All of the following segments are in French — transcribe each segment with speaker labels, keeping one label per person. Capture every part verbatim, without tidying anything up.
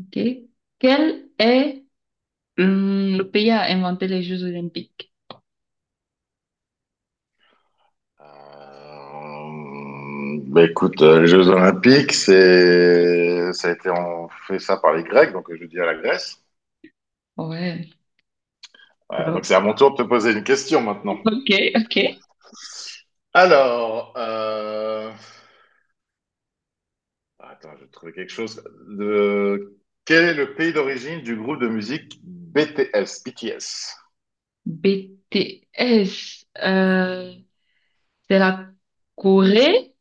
Speaker 1: Ok. Quel est hum, le pays à inventer les Jeux Olympiques?
Speaker 2: Euh, bah écoute, euh, les Jeux Olympiques, c'est, ça a été, on fait ça par les Grecs, donc je dis à la Grèce.
Speaker 1: Ouais,
Speaker 2: Euh, donc
Speaker 1: bravo.
Speaker 2: c'est à mon tour de te poser une question maintenant.
Speaker 1: Ok, ok.
Speaker 2: Alors, euh, attends, je vais trouver quelque chose. De... Quel est le pays d'origine du groupe de musique B T S, B T S?
Speaker 1: B BTS, euh, c'est la Corée,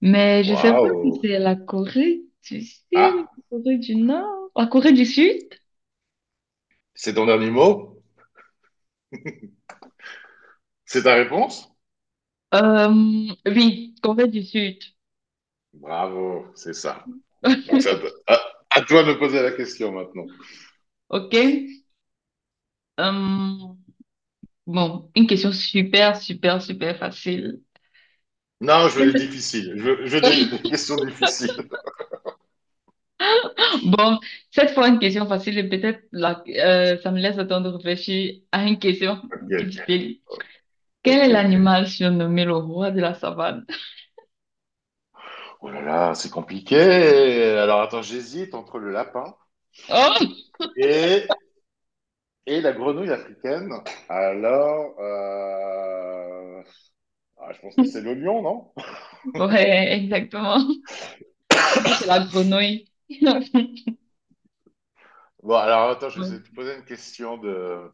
Speaker 1: mais je sais pas si
Speaker 2: Waouh!
Speaker 1: c'est la Corée du Sud,
Speaker 2: Ah,
Speaker 1: la Corée du Nord, la Corée du Sud.
Speaker 2: c'est ton dernier mot? C'est ta réponse?
Speaker 1: Euh, oui, Corée du Sud.
Speaker 2: Bravo, c'est ça. Donc ça, à, à toi de me poser la question maintenant.
Speaker 1: Ok. Euh, bon, une question super, super, super facile.
Speaker 2: Non, je veux des difficiles. Je veux, je veux des, des questions difficiles.
Speaker 1: Bon, cette fois, une question facile et peut-être la- euh, ça me laisse le temps de réfléchir à une question
Speaker 2: Ok,
Speaker 1: difficile. Quel est
Speaker 2: ok.
Speaker 1: l'animal surnommé le roi de la savane?
Speaker 2: Oh là là, c'est compliqué. Alors attends, j'hésite entre le lapin
Speaker 1: Oh!
Speaker 2: et, et la grenouille africaine. Alors, euh, ah, je pense que c'est le lion, non?
Speaker 1: Ouais, exactement. Non, c'est la grenouille.
Speaker 2: Bon, alors attends, je vais
Speaker 1: Ouais.
Speaker 2: essayer de te poser une question de...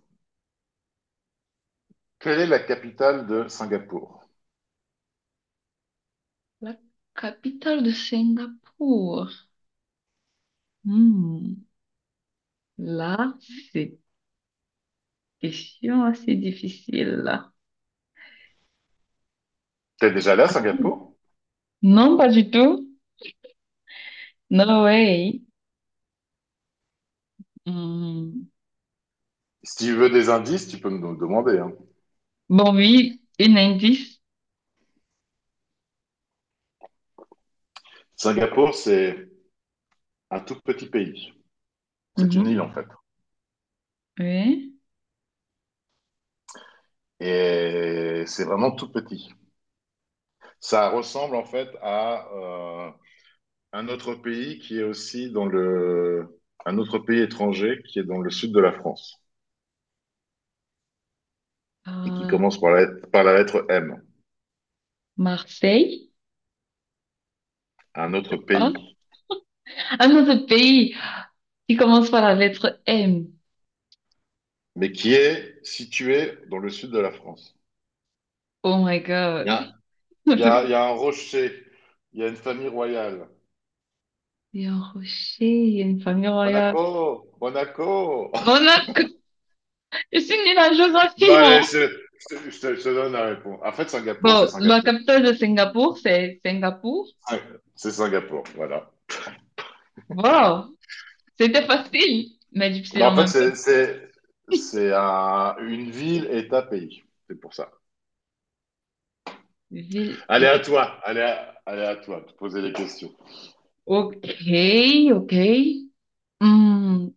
Speaker 2: Quelle est la capitale de Singapour?
Speaker 1: La capitale de Singapour. Hmm. Là, c'est une question assez difficile.
Speaker 2: T'es déjà là,
Speaker 1: Hmm.
Speaker 2: Singapour?
Speaker 1: Non, pas du tout. No way. Hmm.
Speaker 2: Si tu veux des indices, tu peux me le demander, hein.
Speaker 1: Bon, oui, un indice.
Speaker 2: Singapour, c'est un tout petit pays. C'est une
Speaker 1: Mhm.
Speaker 2: île, en fait.
Speaker 1: Oui.
Speaker 2: Et c'est vraiment tout petit. Ça ressemble en fait à euh, un autre pays qui est aussi dans le un autre pays étranger qui est dans le sud de la France et qui
Speaker 1: Euh,
Speaker 2: commence par la, par la lettre M,
Speaker 1: Marseille?
Speaker 2: un autre
Speaker 1: Pas?
Speaker 2: pays,
Speaker 1: Ah non, ce pays qui commence par la lettre M.
Speaker 2: mais qui est situé dans le sud de la France.
Speaker 1: Oh my
Speaker 2: Il y
Speaker 1: God.
Speaker 2: a, il y a, il y a un rocher, il y a une famille royale.
Speaker 1: Il y a un rocher, il y a une famille royale.
Speaker 2: Monaco, Monaco.
Speaker 1: Monaco! Je suis nulle en
Speaker 2: Bon,
Speaker 1: géographie, moi.
Speaker 2: allez, je, je- je je te donne la réponse. En fait, Singapour, c'est
Speaker 1: Bon, la
Speaker 2: Singapour.
Speaker 1: capitale de Singapour, c'est Singapour.
Speaker 2: C'est Singapour, voilà.
Speaker 1: Wow! C'était facile, mais
Speaker 2: Mais
Speaker 1: difficile en
Speaker 2: en fait,
Speaker 1: même temps.
Speaker 2: c'est, c'est, c'est un- une ville et un pays. C'est pour ça.
Speaker 1: Ville
Speaker 2: Allez à
Speaker 1: et...
Speaker 2: toi, allez à, allez à toi, de poser les questions.
Speaker 1: Ok, ok. Hmm,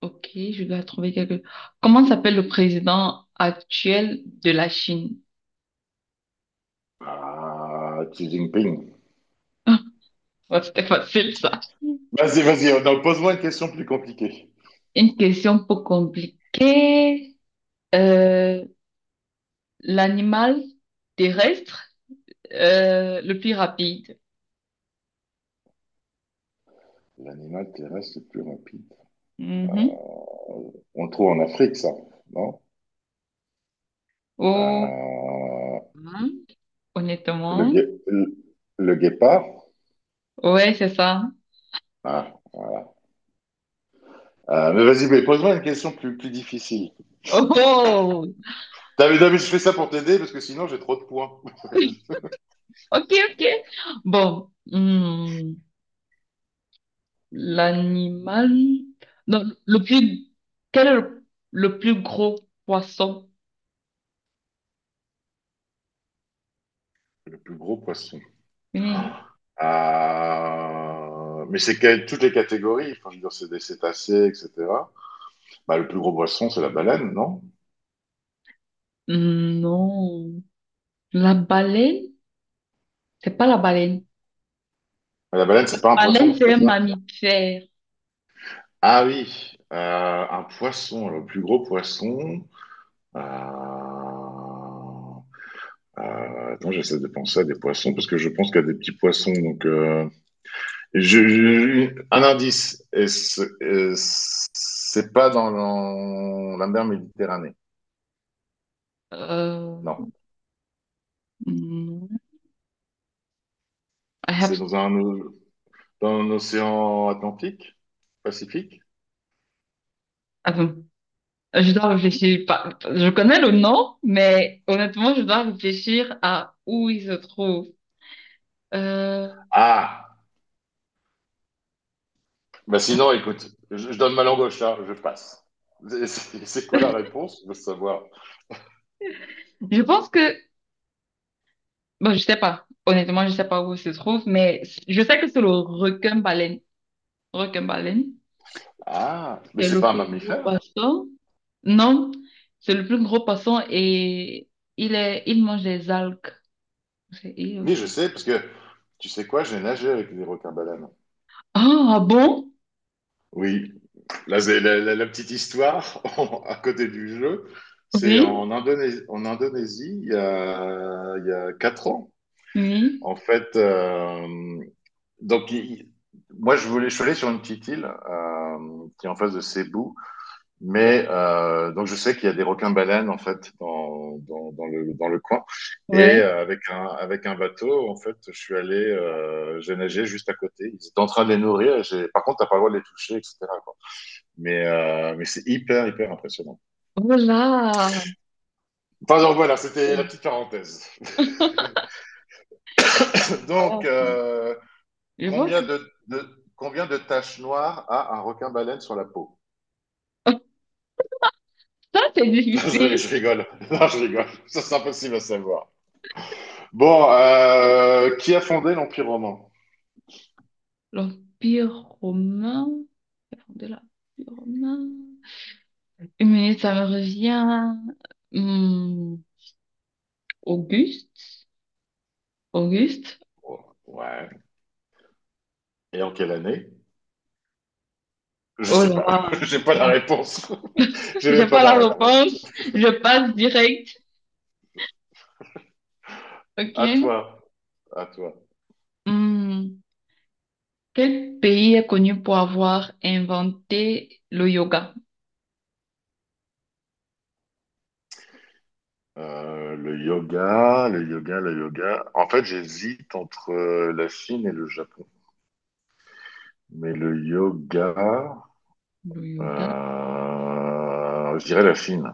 Speaker 1: ok, je dois trouver quelque... Comment s'appelle le président actuel de la Chine?
Speaker 2: Ah, Xi Jinping.
Speaker 1: Ouais, c'était facile, ça.
Speaker 2: Vas-y, vas-y, euh, non, pose-moi une question plus compliquée.
Speaker 1: Une question peu compliquée. Euh, l'animal terrestre euh, le plus rapide.
Speaker 2: L'animal terrestre le plus rapide.
Speaker 1: Mhm.
Speaker 2: On le trouve en Afrique, ça, non?
Speaker 1: Oh,
Speaker 2: Euh,
Speaker 1: hein,
Speaker 2: le,
Speaker 1: honnêtement.
Speaker 2: gué- le, le guépard.
Speaker 1: Ouais, c'est ça.
Speaker 2: Ah, voilà. Euh, mais vas-y, mais pose-moi une question plus, plus difficile.
Speaker 1: Oh,
Speaker 2: David, David, je fais ça pour t'aider parce que sinon j'ai trop de points.
Speaker 1: ok, ok. Bon, hmm, l'animal. Non, le plus. Quel est le, le plus gros poisson?
Speaker 2: Le plus gros poisson.
Speaker 1: Oui.
Speaker 2: Euh, Mais c'est quelle toutes les catégories. Enfin, je veux dire, c'est des cétacés, et cetera. Bah, le plus gros poisson, c'est la baleine, non?
Speaker 1: Hmm, non. La baleine? C'est pas la baleine.
Speaker 2: La baleine, c'est pas un
Speaker 1: Baleine,
Speaker 2: poisson,
Speaker 1: c'est
Speaker 2: c'est
Speaker 1: un
Speaker 2: ça?
Speaker 1: mammifère.
Speaker 2: Ah oui, euh, un poisson, le plus gros poisson. Euh... euh, Attends, j'essaie de penser à des poissons parce que je pense qu'il y a des petits poissons, donc. euh, Je, je- un indice, et ce- euh, c'est pas dans l'en- la mer Méditerranée. Non,
Speaker 1: Euh, hmm, I
Speaker 2: c'est
Speaker 1: have-
Speaker 2: dans un, o- dans un océan Atlantique, Pacifique.
Speaker 1: Attends, je dois réfléchir. pas- Je connais le nom, mais honnêtement, je dois réfléchir à où il se trouve. Euh,
Speaker 2: Ah, bah sinon, écoute, je, je donne ma langue au chat, je passe. C'est c'est- c'est quoi la réponse? Je veux savoir.
Speaker 1: je pense que... Bon, je sais pas. Honnêtement, je sais pas où il se trouve, mais je sais que c'est le requin-baleine. Requin-baleine,
Speaker 2: Ah, mais
Speaker 1: c'est
Speaker 2: c'est
Speaker 1: le
Speaker 2: pas un
Speaker 1: plus gros
Speaker 2: mammifère?
Speaker 1: poisson. Non, c'est le plus gros poisson et il est, il mange des algues. C'est il
Speaker 2: Oui,
Speaker 1: aussi.
Speaker 2: je sais, parce que tu sais quoi, j'ai nagé avec des requins-baleines.
Speaker 1: Ah, ah bon?
Speaker 2: Oui, là, c'est la, la- la petite histoire à côté du jeu, c'est
Speaker 1: Oui.
Speaker 2: en Indonésie, en Indonésie il y a, il y a quatre ans.
Speaker 1: Oui,
Speaker 2: En fait, euh, donc il- moi je voulais, je suis allé sur une petite île euh, qui est en face de Cebu, mais euh, donc je sais qu'il y a des requins-baleines en fait dans, dans, dans le, dans le coin. Et
Speaker 1: ouais.
Speaker 2: euh, avec un, avec un bateau, en fait, je suis allé, euh, j'ai nagé juste à côté. Ils étaient en train de les nourrir. et j'ai- Par contre, t'as pas le droit de les toucher, et cetera. Mais, euh, mais c'est hyper, hyper impressionnant.
Speaker 1: Voilà.
Speaker 2: Enfin, donc voilà, c'était la petite parenthèse. Donc,
Speaker 1: Voilà.
Speaker 2: euh,
Speaker 1: Je pense
Speaker 2: combien,
Speaker 1: que
Speaker 2: de, de- combien de taches noires a un requin-baleine sur la peau?
Speaker 1: ça, c'est
Speaker 2: Non, je,
Speaker 1: difficile.
Speaker 2: je rigole. Non, je rigole. Ça, c'est impossible à savoir. Bon, euh, qui a fondé l'Empire romain?
Speaker 1: L'Empire romain. De l'Empire romain. Mais ça me revient. Hmm, Auguste. Auguste.
Speaker 2: Ouais. Et en quelle année? Je
Speaker 1: Oh
Speaker 2: sais pas.
Speaker 1: là.
Speaker 2: J'ai pas la réponse. J'ai
Speaker 1: J'ai
Speaker 2: même pas
Speaker 1: pas la
Speaker 2: la réponse.
Speaker 1: réponse. Je passe direct.
Speaker 2: À
Speaker 1: OK.
Speaker 2: toi. À toi.
Speaker 1: Hmm, quel pays est connu pour avoir inventé le yoga?
Speaker 2: Euh, le yoga, le yoga, le yoga. En fait, j'hésite entre euh, la Chine et le Japon. Mais le yoga,
Speaker 1: Le yoga.
Speaker 2: euh, je dirais la Chine.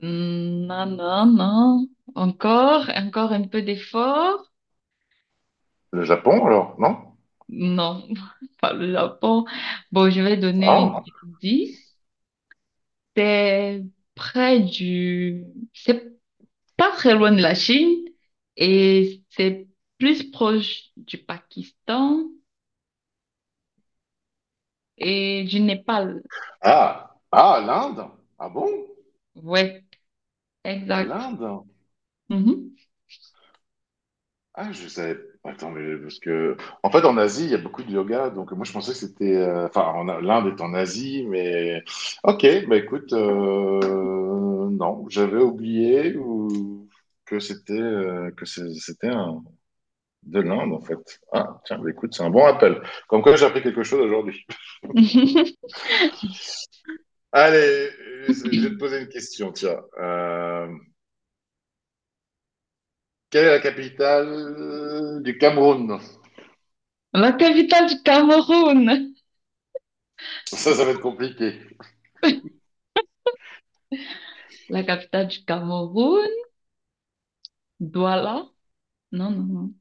Speaker 1: Hmm, non, non, non. Encore, encore un peu d'effort.
Speaker 2: Le Japon, alors, non?
Speaker 1: Non, pas le Japon. Bon, je vais donner une
Speaker 2: Ah,
Speaker 1: dix. C'est près du... C'est pas très loin de la Chine et c'est plus proche du Pakistan et du Népal.
Speaker 2: ah, ah, l'Inde? Ah bon?
Speaker 1: Ouais, exact.
Speaker 2: L'Inde?
Speaker 1: Mhm.
Speaker 2: Ah, je savais. Attends, mais parce que. En fait, en Asie, il y a beaucoup de yoga. Donc, moi, je pensais que c'était. euh, Enfin, en- l'Inde est en Asie, mais. Ok, bah écoute, euh, non, j'avais oublié ou... que c'était euh, que c'est- c'était un... de l'Inde, en fait. Ah, tiens, bah écoute, c'est un bon appel. Comme quoi, j'ai appris quelque chose aujourd'hui. Allez, je vais te poser une question, tiens. Euh, quelle est la capitale du Cameroun?
Speaker 1: La capitale du Cameroun.
Speaker 2: Ça, ça va être compliqué.
Speaker 1: La capitale du Cameroun, Douala. Non, non, non,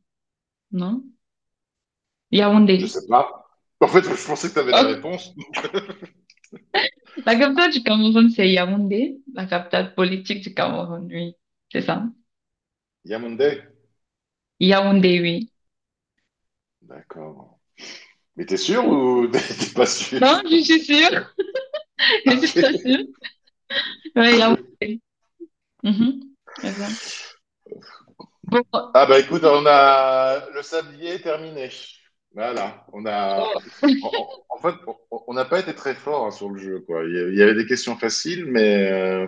Speaker 1: non. Yaoundé.
Speaker 2: Je sais pas. En fait, je pensais que tu avais la
Speaker 1: Ok.
Speaker 2: réponse.
Speaker 1: La capitale du Cameroun, c'est Yaoundé. La capitale politique du Cameroun, oui. C'est ça.
Speaker 2: Yamonde.
Speaker 1: Yaoundé, oui.
Speaker 2: D'accord. Mais t'es sûr
Speaker 1: Oui.
Speaker 2: ou t'es pas
Speaker 1: Non,
Speaker 2: sûr.
Speaker 1: je suis sûre. Je suis très
Speaker 2: Ok.
Speaker 1: sûre. Oui, Yaoundé. Mhm. C'est ça. Bon. Oh,
Speaker 2: Ah bah écoute, on a le sablier terminé. Voilà, on a. En, en- en fait, on on n'a pas été très fort hein, sur le jeu, quoi. Il y a- il y avait des questions faciles, mais euh,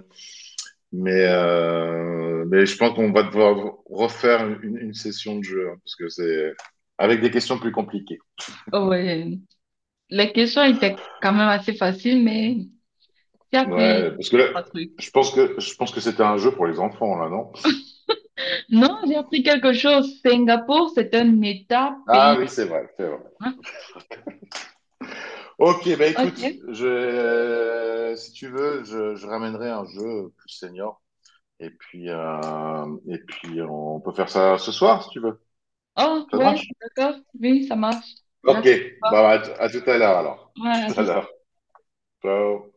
Speaker 2: mais euh, mais je pense qu'on va devoir refaire une, une session de jeu hein, parce que c'est avec des questions plus compliquées.
Speaker 1: oh, ouais. Les questions étaient quand même assez faciles, mais j'ai appris
Speaker 2: Ouais, parce que
Speaker 1: deux,
Speaker 2: là,
Speaker 1: trois trucs.
Speaker 2: je pense que je pense que c'était un jeu pour les enfants là, non?
Speaker 1: Non, j'ai appris quelque chose. Singapour, c'est un État
Speaker 2: Ah
Speaker 1: pays.
Speaker 2: oui, c'est vrai, c'est vrai.
Speaker 1: Hein?
Speaker 2: Ok, bah écoute,
Speaker 1: Ok.
Speaker 2: je, euh, si tu veux, je, je ramènerai un jeu plus senior. Et puis, euh, et puis, on peut faire ça ce soir, si tu veux.
Speaker 1: Oh,
Speaker 2: Ça
Speaker 1: ouais,
Speaker 2: marche?
Speaker 1: d'accord. Oui, ça marche.
Speaker 2: Ok,
Speaker 1: J'attends pas.
Speaker 2: bah, à, à tout à l'heure alors.
Speaker 1: Ouais,
Speaker 2: Tout à
Speaker 1: c'est
Speaker 2: l'heure. Ciao.